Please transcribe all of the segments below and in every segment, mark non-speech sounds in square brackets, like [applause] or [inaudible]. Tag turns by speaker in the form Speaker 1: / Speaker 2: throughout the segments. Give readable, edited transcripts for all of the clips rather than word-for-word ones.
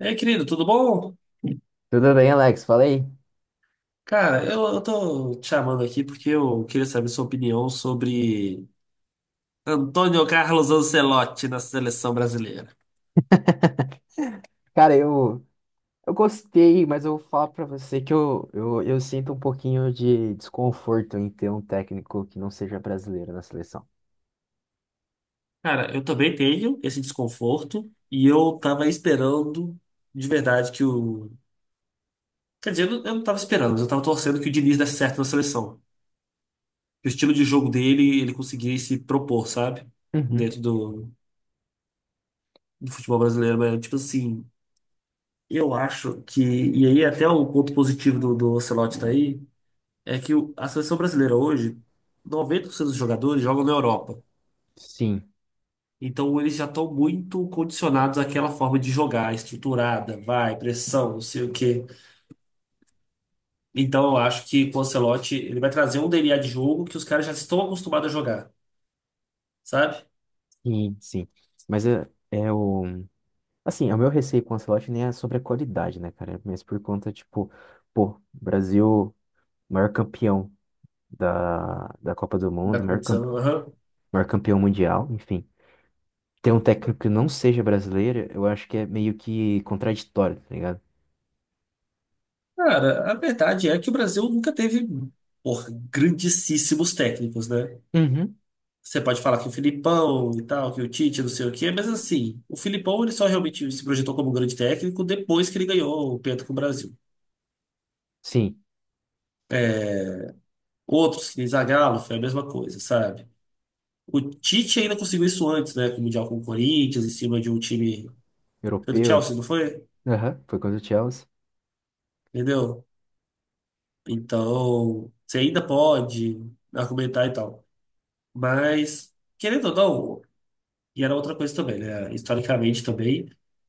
Speaker 1: E aí, querido, tudo bom?
Speaker 2: Tudo bem, Alex? Falei?
Speaker 1: Cara, eu tô te chamando aqui porque eu queria saber sua opinião sobre Antônio Carlos Ancelotti na seleção brasileira.
Speaker 2: Cara, eu gostei, mas eu vou falar pra você que eu sinto um pouquinho de desconforto em ter um técnico que não seja brasileiro na seleção.
Speaker 1: Cara, eu também tenho esse desconforto e eu tava esperando de verdade que o. Quer dizer, eu não tava esperando, mas eu tava torcendo que o Diniz desse certo na seleção. Que o estilo de jogo dele, ele conseguisse propor, sabe?
Speaker 2: Uhum.
Speaker 1: Dentro do futebol brasileiro, mas tipo assim. Eu acho que, e aí até o ponto positivo do Ancelotti tá aí, é que a seleção brasileira hoje, 90% dos jogadores jogam na Europa.
Speaker 2: Sim,
Speaker 1: Então eles já estão muito condicionados àquela forma de jogar, estruturada, vai, pressão, não sei o quê. Então eu acho que com o Ancelotti ele vai trazer um DNA de jogo que os caras já estão acostumados a jogar, sabe?
Speaker 2: sim, sim. Mas é, é o. Assim, é o meu receio com o Ancelotti nem é sobre a qualidade, né, cara? Mas por conta, tipo, pô, Brasil, maior campeão da Copa do
Speaker 1: Da
Speaker 2: Mundo,
Speaker 1: competição, aham.
Speaker 2: maior campeão mundial, enfim. Ter um técnico que não seja brasileiro, eu acho que é meio que contraditório, tá ligado?
Speaker 1: Cara, a verdade é que o Brasil nunca teve, porra, grandíssimos técnicos, né?
Speaker 2: Uhum.
Speaker 1: Você pode falar que o Filipão e tal, que o Tite, não sei o quê, mas assim, o Filipão ele só realmente se projetou como um grande técnico depois que ele ganhou o Penta com o Brasil.
Speaker 2: Sim,
Speaker 1: Outros, que nem Zagallo, foi a mesma coisa, sabe? O Tite ainda conseguiu isso antes, né? Com o Mundial com o Corinthians, em cima de um time. Foi do
Speaker 2: europeu.
Speaker 1: Chelsea, não foi?
Speaker 2: Aham, foi contra o Chelsea.
Speaker 1: Entendeu? Então, você ainda pode argumentar e tal. Mas, querendo ou não, e era outra coisa também, né? Historicamente também,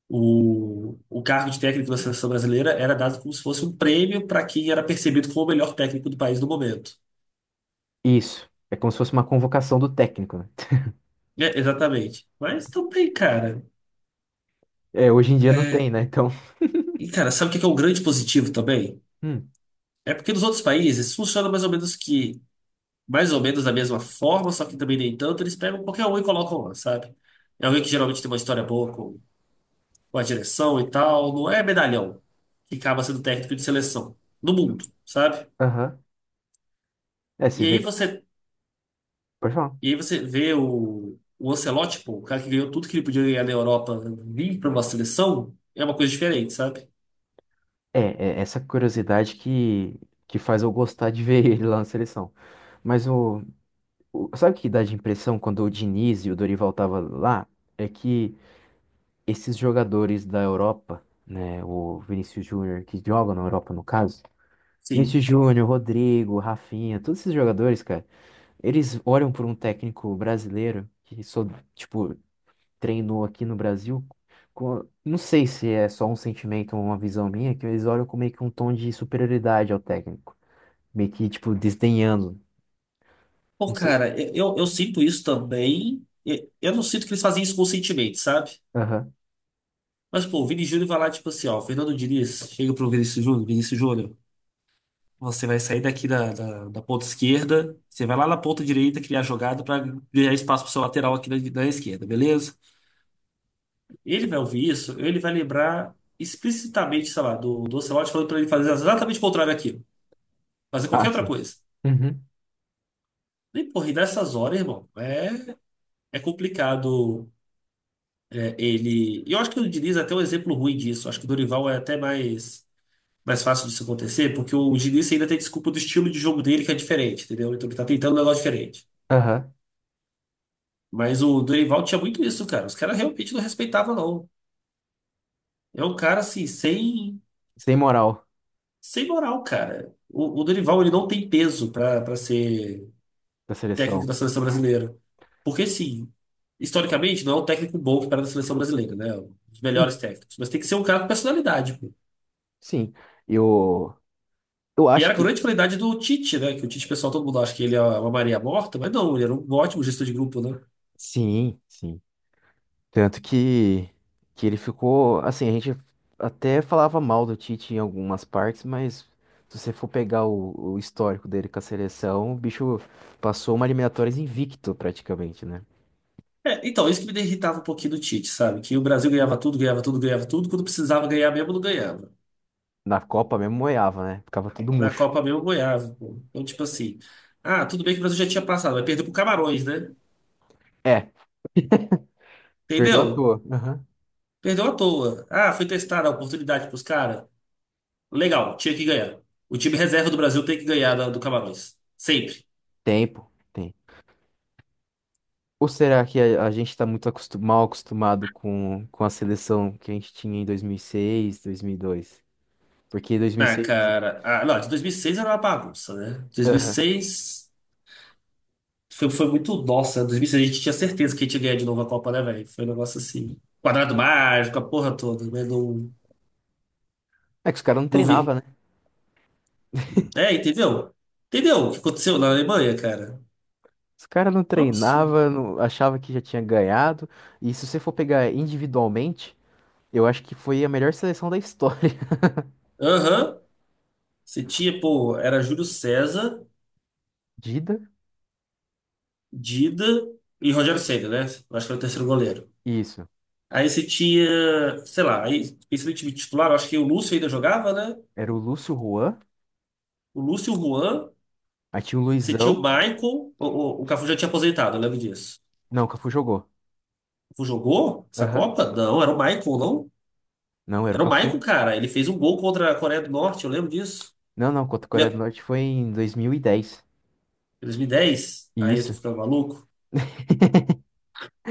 Speaker 1: o cargo de técnico da seleção brasileira era dado como se fosse um prêmio para quem era percebido como o melhor técnico do país no momento.
Speaker 2: Isso. É como se fosse uma convocação do técnico, né? [laughs]
Speaker 1: É, exatamente. Mas também, cara.
Speaker 2: É, hoje em dia não tem,
Speaker 1: É.
Speaker 2: né? Então.
Speaker 1: E, cara, sabe o que é um grande positivo também?
Speaker 2: Hum.
Speaker 1: É porque nos outros países funciona mais ou menos que, mais ou menos da mesma forma, só que também nem tanto, eles pegam qualquer um e colocam lá, sabe? É alguém que geralmente tem uma história boa com a direção e tal, não é medalhão que acaba sendo técnico de seleção. No mundo, sabe?
Speaker 2: Aham. É, se
Speaker 1: E
Speaker 2: vê.
Speaker 1: aí você,
Speaker 2: Pode falar.
Speaker 1: e aí você vê o Ancelotti, pô, o cara que ganhou tudo que ele podia ganhar na Europa, vir para uma seleção, é uma coisa diferente, sabe?
Speaker 2: É, é essa curiosidade que faz eu gostar de ver [laughs] ele lá na seleção. Mas o, Sabe o que dá de impressão quando o Diniz e o Dorival tava lá? É que esses jogadores da Europa, né? O Vinícius Júnior, que jogam na Europa no caso.
Speaker 1: Sim.
Speaker 2: Vinícius Júnior, Rodrigo, Rafinha, todos esses jogadores, cara. Eles olham por um técnico brasileiro que só, tipo, treinou aqui no Brasil. Não sei se é só um sentimento ou uma visão minha, que eles olham com meio que um tom de superioridade ao técnico. Meio que, tipo, desdenhando.
Speaker 1: Pô,
Speaker 2: Não sei.
Speaker 1: cara, eu sinto isso também. Eu não sinto que eles fazem isso conscientemente, sabe?
Speaker 2: Aham.
Speaker 1: Mas, pô, o Vini Júnior vai lá, tipo assim, ó, o Fernando Diniz, chega pro Vinícius Júnior, Vinícius Júnior, você vai sair daqui da ponta esquerda, você vai lá na ponta direita criar jogada para criar espaço pro seu lateral aqui na, na esquerda, beleza? Ele vai ouvir isso, ele vai lembrar explicitamente, sei lá, do Ancelotti falando pra ele fazer exatamente o contrário daquilo. Fazer qualquer
Speaker 2: Ah,
Speaker 1: outra
Speaker 2: sim.
Speaker 1: coisa.
Speaker 2: Uhum.
Speaker 1: E, porra, e nessas horas, irmão, é, é complicado é, ele... E eu acho que o Diniz é até um exemplo ruim disso. Acho que o Dorival é até mais, mais fácil disso acontecer, porque o Diniz ainda tem desculpa do estilo de jogo dele que é diferente, entendeu? Então ele tá tentando um negócio diferente.
Speaker 2: Aham.
Speaker 1: Mas o Dorival tinha muito isso, cara. Os caras realmente não respeitavam, não. É um cara, assim, sem...
Speaker 2: Sem moral
Speaker 1: Sem moral, cara. O Dorival, ele não tem peso pra para ser
Speaker 2: da
Speaker 1: técnico
Speaker 2: seleção.
Speaker 1: da seleção brasileira. Porque, sim, historicamente, não é um técnico bom que para da seleção brasileira, né? Um dos melhores
Speaker 2: Uhum.
Speaker 1: técnicos. Mas tem que ser um cara com personalidade, pô.
Speaker 2: Sim. Eu, eu
Speaker 1: E
Speaker 2: acho
Speaker 1: era a
Speaker 2: que.
Speaker 1: grande qualidade do Tite, né? Que o Tite, pessoal, todo mundo acha que ele é uma Maria morta, mas não, ele era um ótimo gestor de grupo, né?
Speaker 2: Sim, sim. Tanto que ele ficou, assim, a gente até falava mal do Tite em algumas partes, mas se você for pegar o histórico dele com a seleção, o bicho passou uma eliminatórias invicto praticamente, né?
Speaker 1: É, então, isso que me irritava um pouquinho do Tite, sabe? Que o Brasil ganhava tudo, ganhava tudo, ganhava tudo. Quando precisava ganhar mesmo, não ganhava.
Speaker 2: Na Copa mesmo moiava, né? Ficava tudo
Speaker 1: Na
Speaker 2: murcho.
Speaker 1: Copa mesmo, ganhava, pô. Então, tipo assim. Ah, tudo bem que o Brasil já tinha passado, mas perdeu pro Camarões, né?
Speaker 2: É, perdeu à
Speaker 1: Entendeu?
Speaker 2: toa. Aham.
Speaker 1: Perdeu à toa. Ah, foi testada a oportunidade pros caras. Legal, tinha que ganhar. O time reserva do Brasil tem que ganhar do Camarões. Sempre.
Speaker 2: Tempo, tem. Ou será que a gente tá muito mal acostumado com a seleção que a gente tinha em dois mil e seis, 2002. Porque em dois mil e
Speaker 1: Ah,
Speaker 2: seis
Speaker 1: cara. Ah, não, de 2006 era uma bagunça, né? 2006 foi, foi muito. Nossa, 2006 a gente tinha certeza que a gente ia ganhar de novo a Copa, né, velho? Foi um negócio assim. Quadrado mágico, a porra toda, né? Não,
Speaker 2: É que os caras não
Speaker 1: não
Speaker 2: treinavam,
Speaker 1: vi.
Speaker 2: né?
Speaker 1: É, entendeu? Entendeu o que aconteceu na Alemanha, cara?
Speaker 2: Os caras não
Speaker 1: Ops.
Speaker 2: treinava, não, achava que já tinha ganhado. E se você for pegar individualmente, eu acho que foi a melhor seleção da história. [laughs]
Speaker 1: Aham. Você tinha, pô, era Júlio César.
Speaker 2: Dida,
Speaker 1: Dida e Rogério Ceni, né? Eu acho que era o terceiro goleiro.
Speaker 2: isso.
Speaker 1: Aí você tinha, sei lá, aí pensando em time titular, eu acho que o Lúcio ainda jogava, né?
Speaker 2: Era o Lúcio, Juan,
Speaker 1: O Lúcio e o Juan,
Speaker 2: aí tinha o
Speaker 1: você tinha o
Speaker 2: Luizão.
Speaker 1: Michael, o Cafu já tinha aposentado, eu lembro disso.
Speaker 2: Não, o Cafu jogou.
Speaker 1: O Cafu jogou essa
Speaker 2: Aham.
Speaker 1: Copa? Não, era o Michael, não?
Speaker 2: Não, era o
Speaker 1: Era o
Speaker 2: Cafu.
Speaker 1: Michael, cara. Ele fez um gol contra a Coreia do Norte, eu lembro disso.
Speaker 2: Não, não, contra a
Speaker 1: Ele
Speaker 2: Coreia do
Speaker 1: é-
Speaker 2: Norte foi em 2010.
Speaker 1: 2010? Aí eu tô
Speaker 2: Isso.
Speaker 1: ficando maluco.
Speaker 2: [laughs]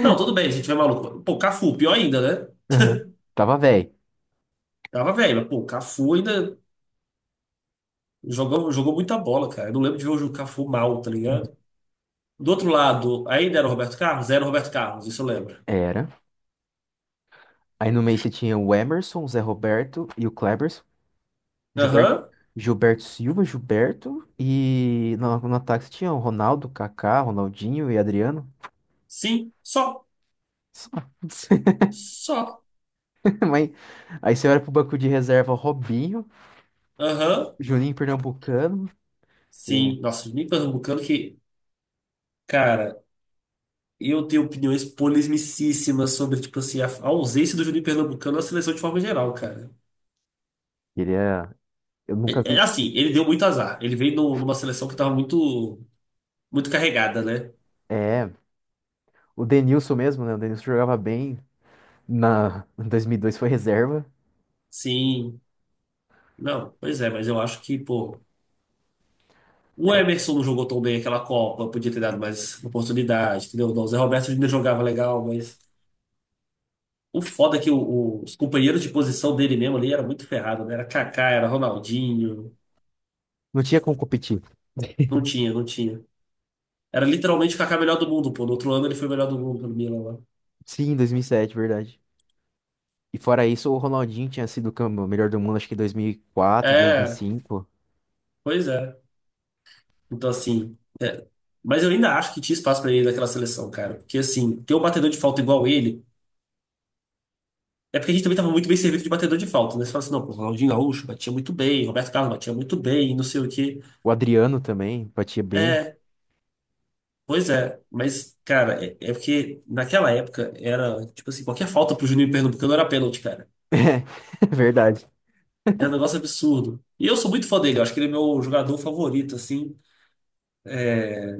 Speaker 1: Não, tudo bem, se a gente tiver maluco. Pô, Cafu, pior ainda, né?
Speaker 2: Aham.
Speaker 1: [laughs]
Speaker 2: Tava velho.
Speaker 1: Tava velho, mas pô, Cafu ainda. Jogou, jogou muita bola, cara. Eu não lembro de ver o Juca Fu mal, tá ligado? Do outro lado, ainda era o Roberto Carlos? Era o Roberto Carlos, isso eu lembro.
Speaker 2: Era. Aí no meio você tinha o Emerson, o Zé Roberto e o Kleber. Gilberto,
Speaker 1: Aham,
Speaker 2: Gilberto Silva, Gilberto. E no ataque tinha o Ronaldo, Kaká, Ronaldinho e Adriano.
Speaker 1: sim, só,
Speaker 2: Só.
Speaker 1: só.
Speaker 2: [laughs] Mas, aí você olha pro banco de reserva, Robinho,
Speaker 1: Aham,
Speaker 2: Juninho Pernambucano. Que, né,
Speaker 1: sim. Nossa, nem pernambucano que, cara, eu tenho opiniões polemicíssimas sobre, tipo assim, a ausência do Juninho Pernambucano na seleção de forma geral, cara.
Speaker 2: queria. Eu nunca
Speaker 1: É, é
Speaker 2: vi.
Speaker 1: assim, ele deu muito azar. Ele veio numa seleção que tava muito, muito carregada, né?
Speaker 2: É, o Denilson mesmo, né? O Denilson jogava bem. Em 2002 foi reserva.
Speaker 1: Sim. Não, pois é, mas eu acho que, pô. O
Speaker 2: É,
Speaker 1: Emerson não jogou tão bem aquela Copa, podia ter dado mais oportunidade, entendeu? O Zé Roberto ainda jogava legal, mas o foda é que os companheiros de posição dele mesmo ali era muito ferrado, né? Era Kaká, era Ronaldinho,
Speaker 2: não tinha como competir.
Speaker 1: não tinha. Era literalmente o Kaká melhor do mundo, pô. No outro ano ele foi o melhor do mundo pelo Milan lá.
Speaker 2: Sim, em 2007, verdade. E fora isso, o Ronaldinho tinha sido o o melhor do mundo, acho que em 2004,
Speaker 1: É,
Speaker 2: 2005.
Speaker 1: pois é. Então assim, é. Mas eu ainda acho que tinha espaço pra ele naquela seleção, cara. Porque assim, ter um batedor de falta igual ele é porque a gente também estava muito bem servido de batedor de falta, né? Você fala assim, não, pô, Ronaldinho Gaúcho batia muito bem, Roberto Carlos batia muito bem, não sei o quê.
Speaker 2: O Adriano também batia bem.
Speaker 1: É, pois é. Mas, cara, é, é porque naquela época era, tipo assim, qualquer falta pro Juninho Pernambucano era pênalti, cara.
Speaker 2: [laughs] É, verdade.
Speaker 1: Era um negócio absurdo. E eu sou muito fã dele, eu acho que ele é meu jogador favorito, assim. É,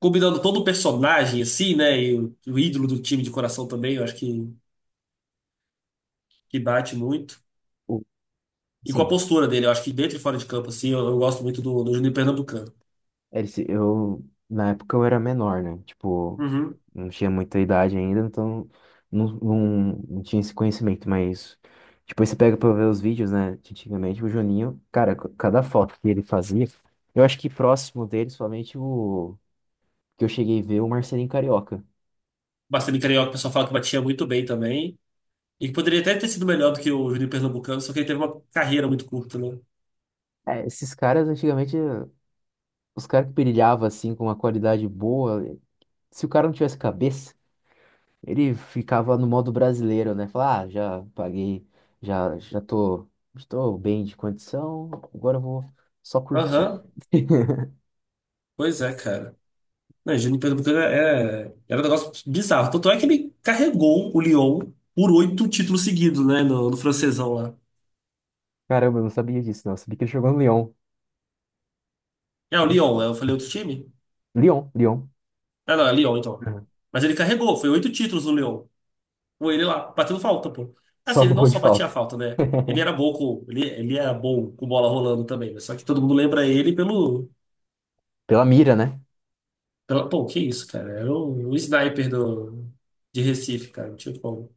Speaker 1: combinando todo o personagem, assim, né? E o ídolo do time de coração também, eu acho que bate muito.
Speaker 2: O-
Speaker 1: E com a
Speaker 2: Sim,
Speaker 1: postura dele, eu acho que dentro e fora de campo, assim, eu gosto muito do Juninho Pernambucano.
Speaker 2: ele se eu na época eu era menor, né? Tipo,
Speaker 1: Uhum.
Speaker 2: não tinha muita idade ainda, então não, não, não tinha esse conhecimento, mas depois você pega pra ver os vídeos, né? De antigamente, o Juninho, cara, cada foto que ele fazia, eu acho que próximo dele, somente o que eu cheguei a ver, o Marcelinho Carioca.
Speaker 1: Bastante Carioca, o pessoal fala que batia muito bem também. E que poderia até ter sido melhor do que o Juninho Pernambucano, só que ele teve uma carreira muito curta, né?
Speaker 2: É, esses caras antigamente, os caras que brilhavam assim com uma qualidade boa, se o cara não tivesse cabeça. Ele ficava no modo brasileiro, né? Falar, ah, já paguei, já tô, estou bem de condição, agora eu vou só curtir.
Speaker 1: Aham,
Speaker 2: [laughs]
Speaker 1: pois é, cara. Não, o Juninho Pernambucano é, é, era um negócio bizarro. Tanto é que ele carregou o Lyon por 8 títulos seguidos, né? No francesão lá.
Speaker 2: Caramba, eu não sabia disso, não. Eu sabia que ele jogou no Lyon.
Speaker 1: É, o Lyon, é, eu falei outro time?
Speaker 2: Lyon, Lyon.
Speaker 1: Ah, não, é Lyon, então.
Speaker 2: Uhum.
Speaker 1: Mas ele carregou, foi 8 títulos no Lyon. Com ele lá, batendo falta, pô.
Speaker 2: [laughs] Só
Speaker 1: Assim,
Speaker 2: no
Speaker 1: ele não
Speaker 2: gol de
Speaker 1: só batia
Speaker 2: falta.
Speaker 1: falta, né? Ele era
Speaker 2: [laughs]
Speaker 1: bom com, ele era bom com bola rolando também, né? Só que todo mundo lembra ele pelo
Speaker 2: Pela mira, né?
Speaker 1: Pô, que isso, cara. Era o sniper do, de Recife, cara. Não tinha como.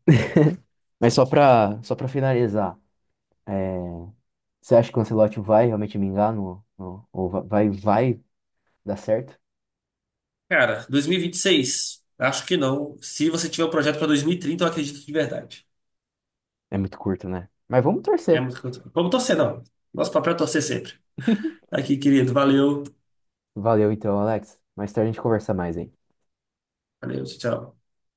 Speaker 2: Mas só pra finalizar, é, você acha que o Ancelotti vai realmente me no, no, ou vai dar certo?
Speaker 1: Cara, 2026? Acho que não. Se você tiver um projeto pra 2030, eu acredito de verdade.
Speaker 2: É muito curto, né? Mas vamos
Speaker 1: É
Speaker 2: torcer.
Speaker 1: muito. Vamos torcer, não. Nosso papel é torcer sempre.
Speaker 2: [laughs]
Speaker 1: Aqui, querido. Valeu.
Speaker 2: Valeu então, Alex. Mais tarde a gente conversa mais, hein?
Speaker 1: Valeu, tchau.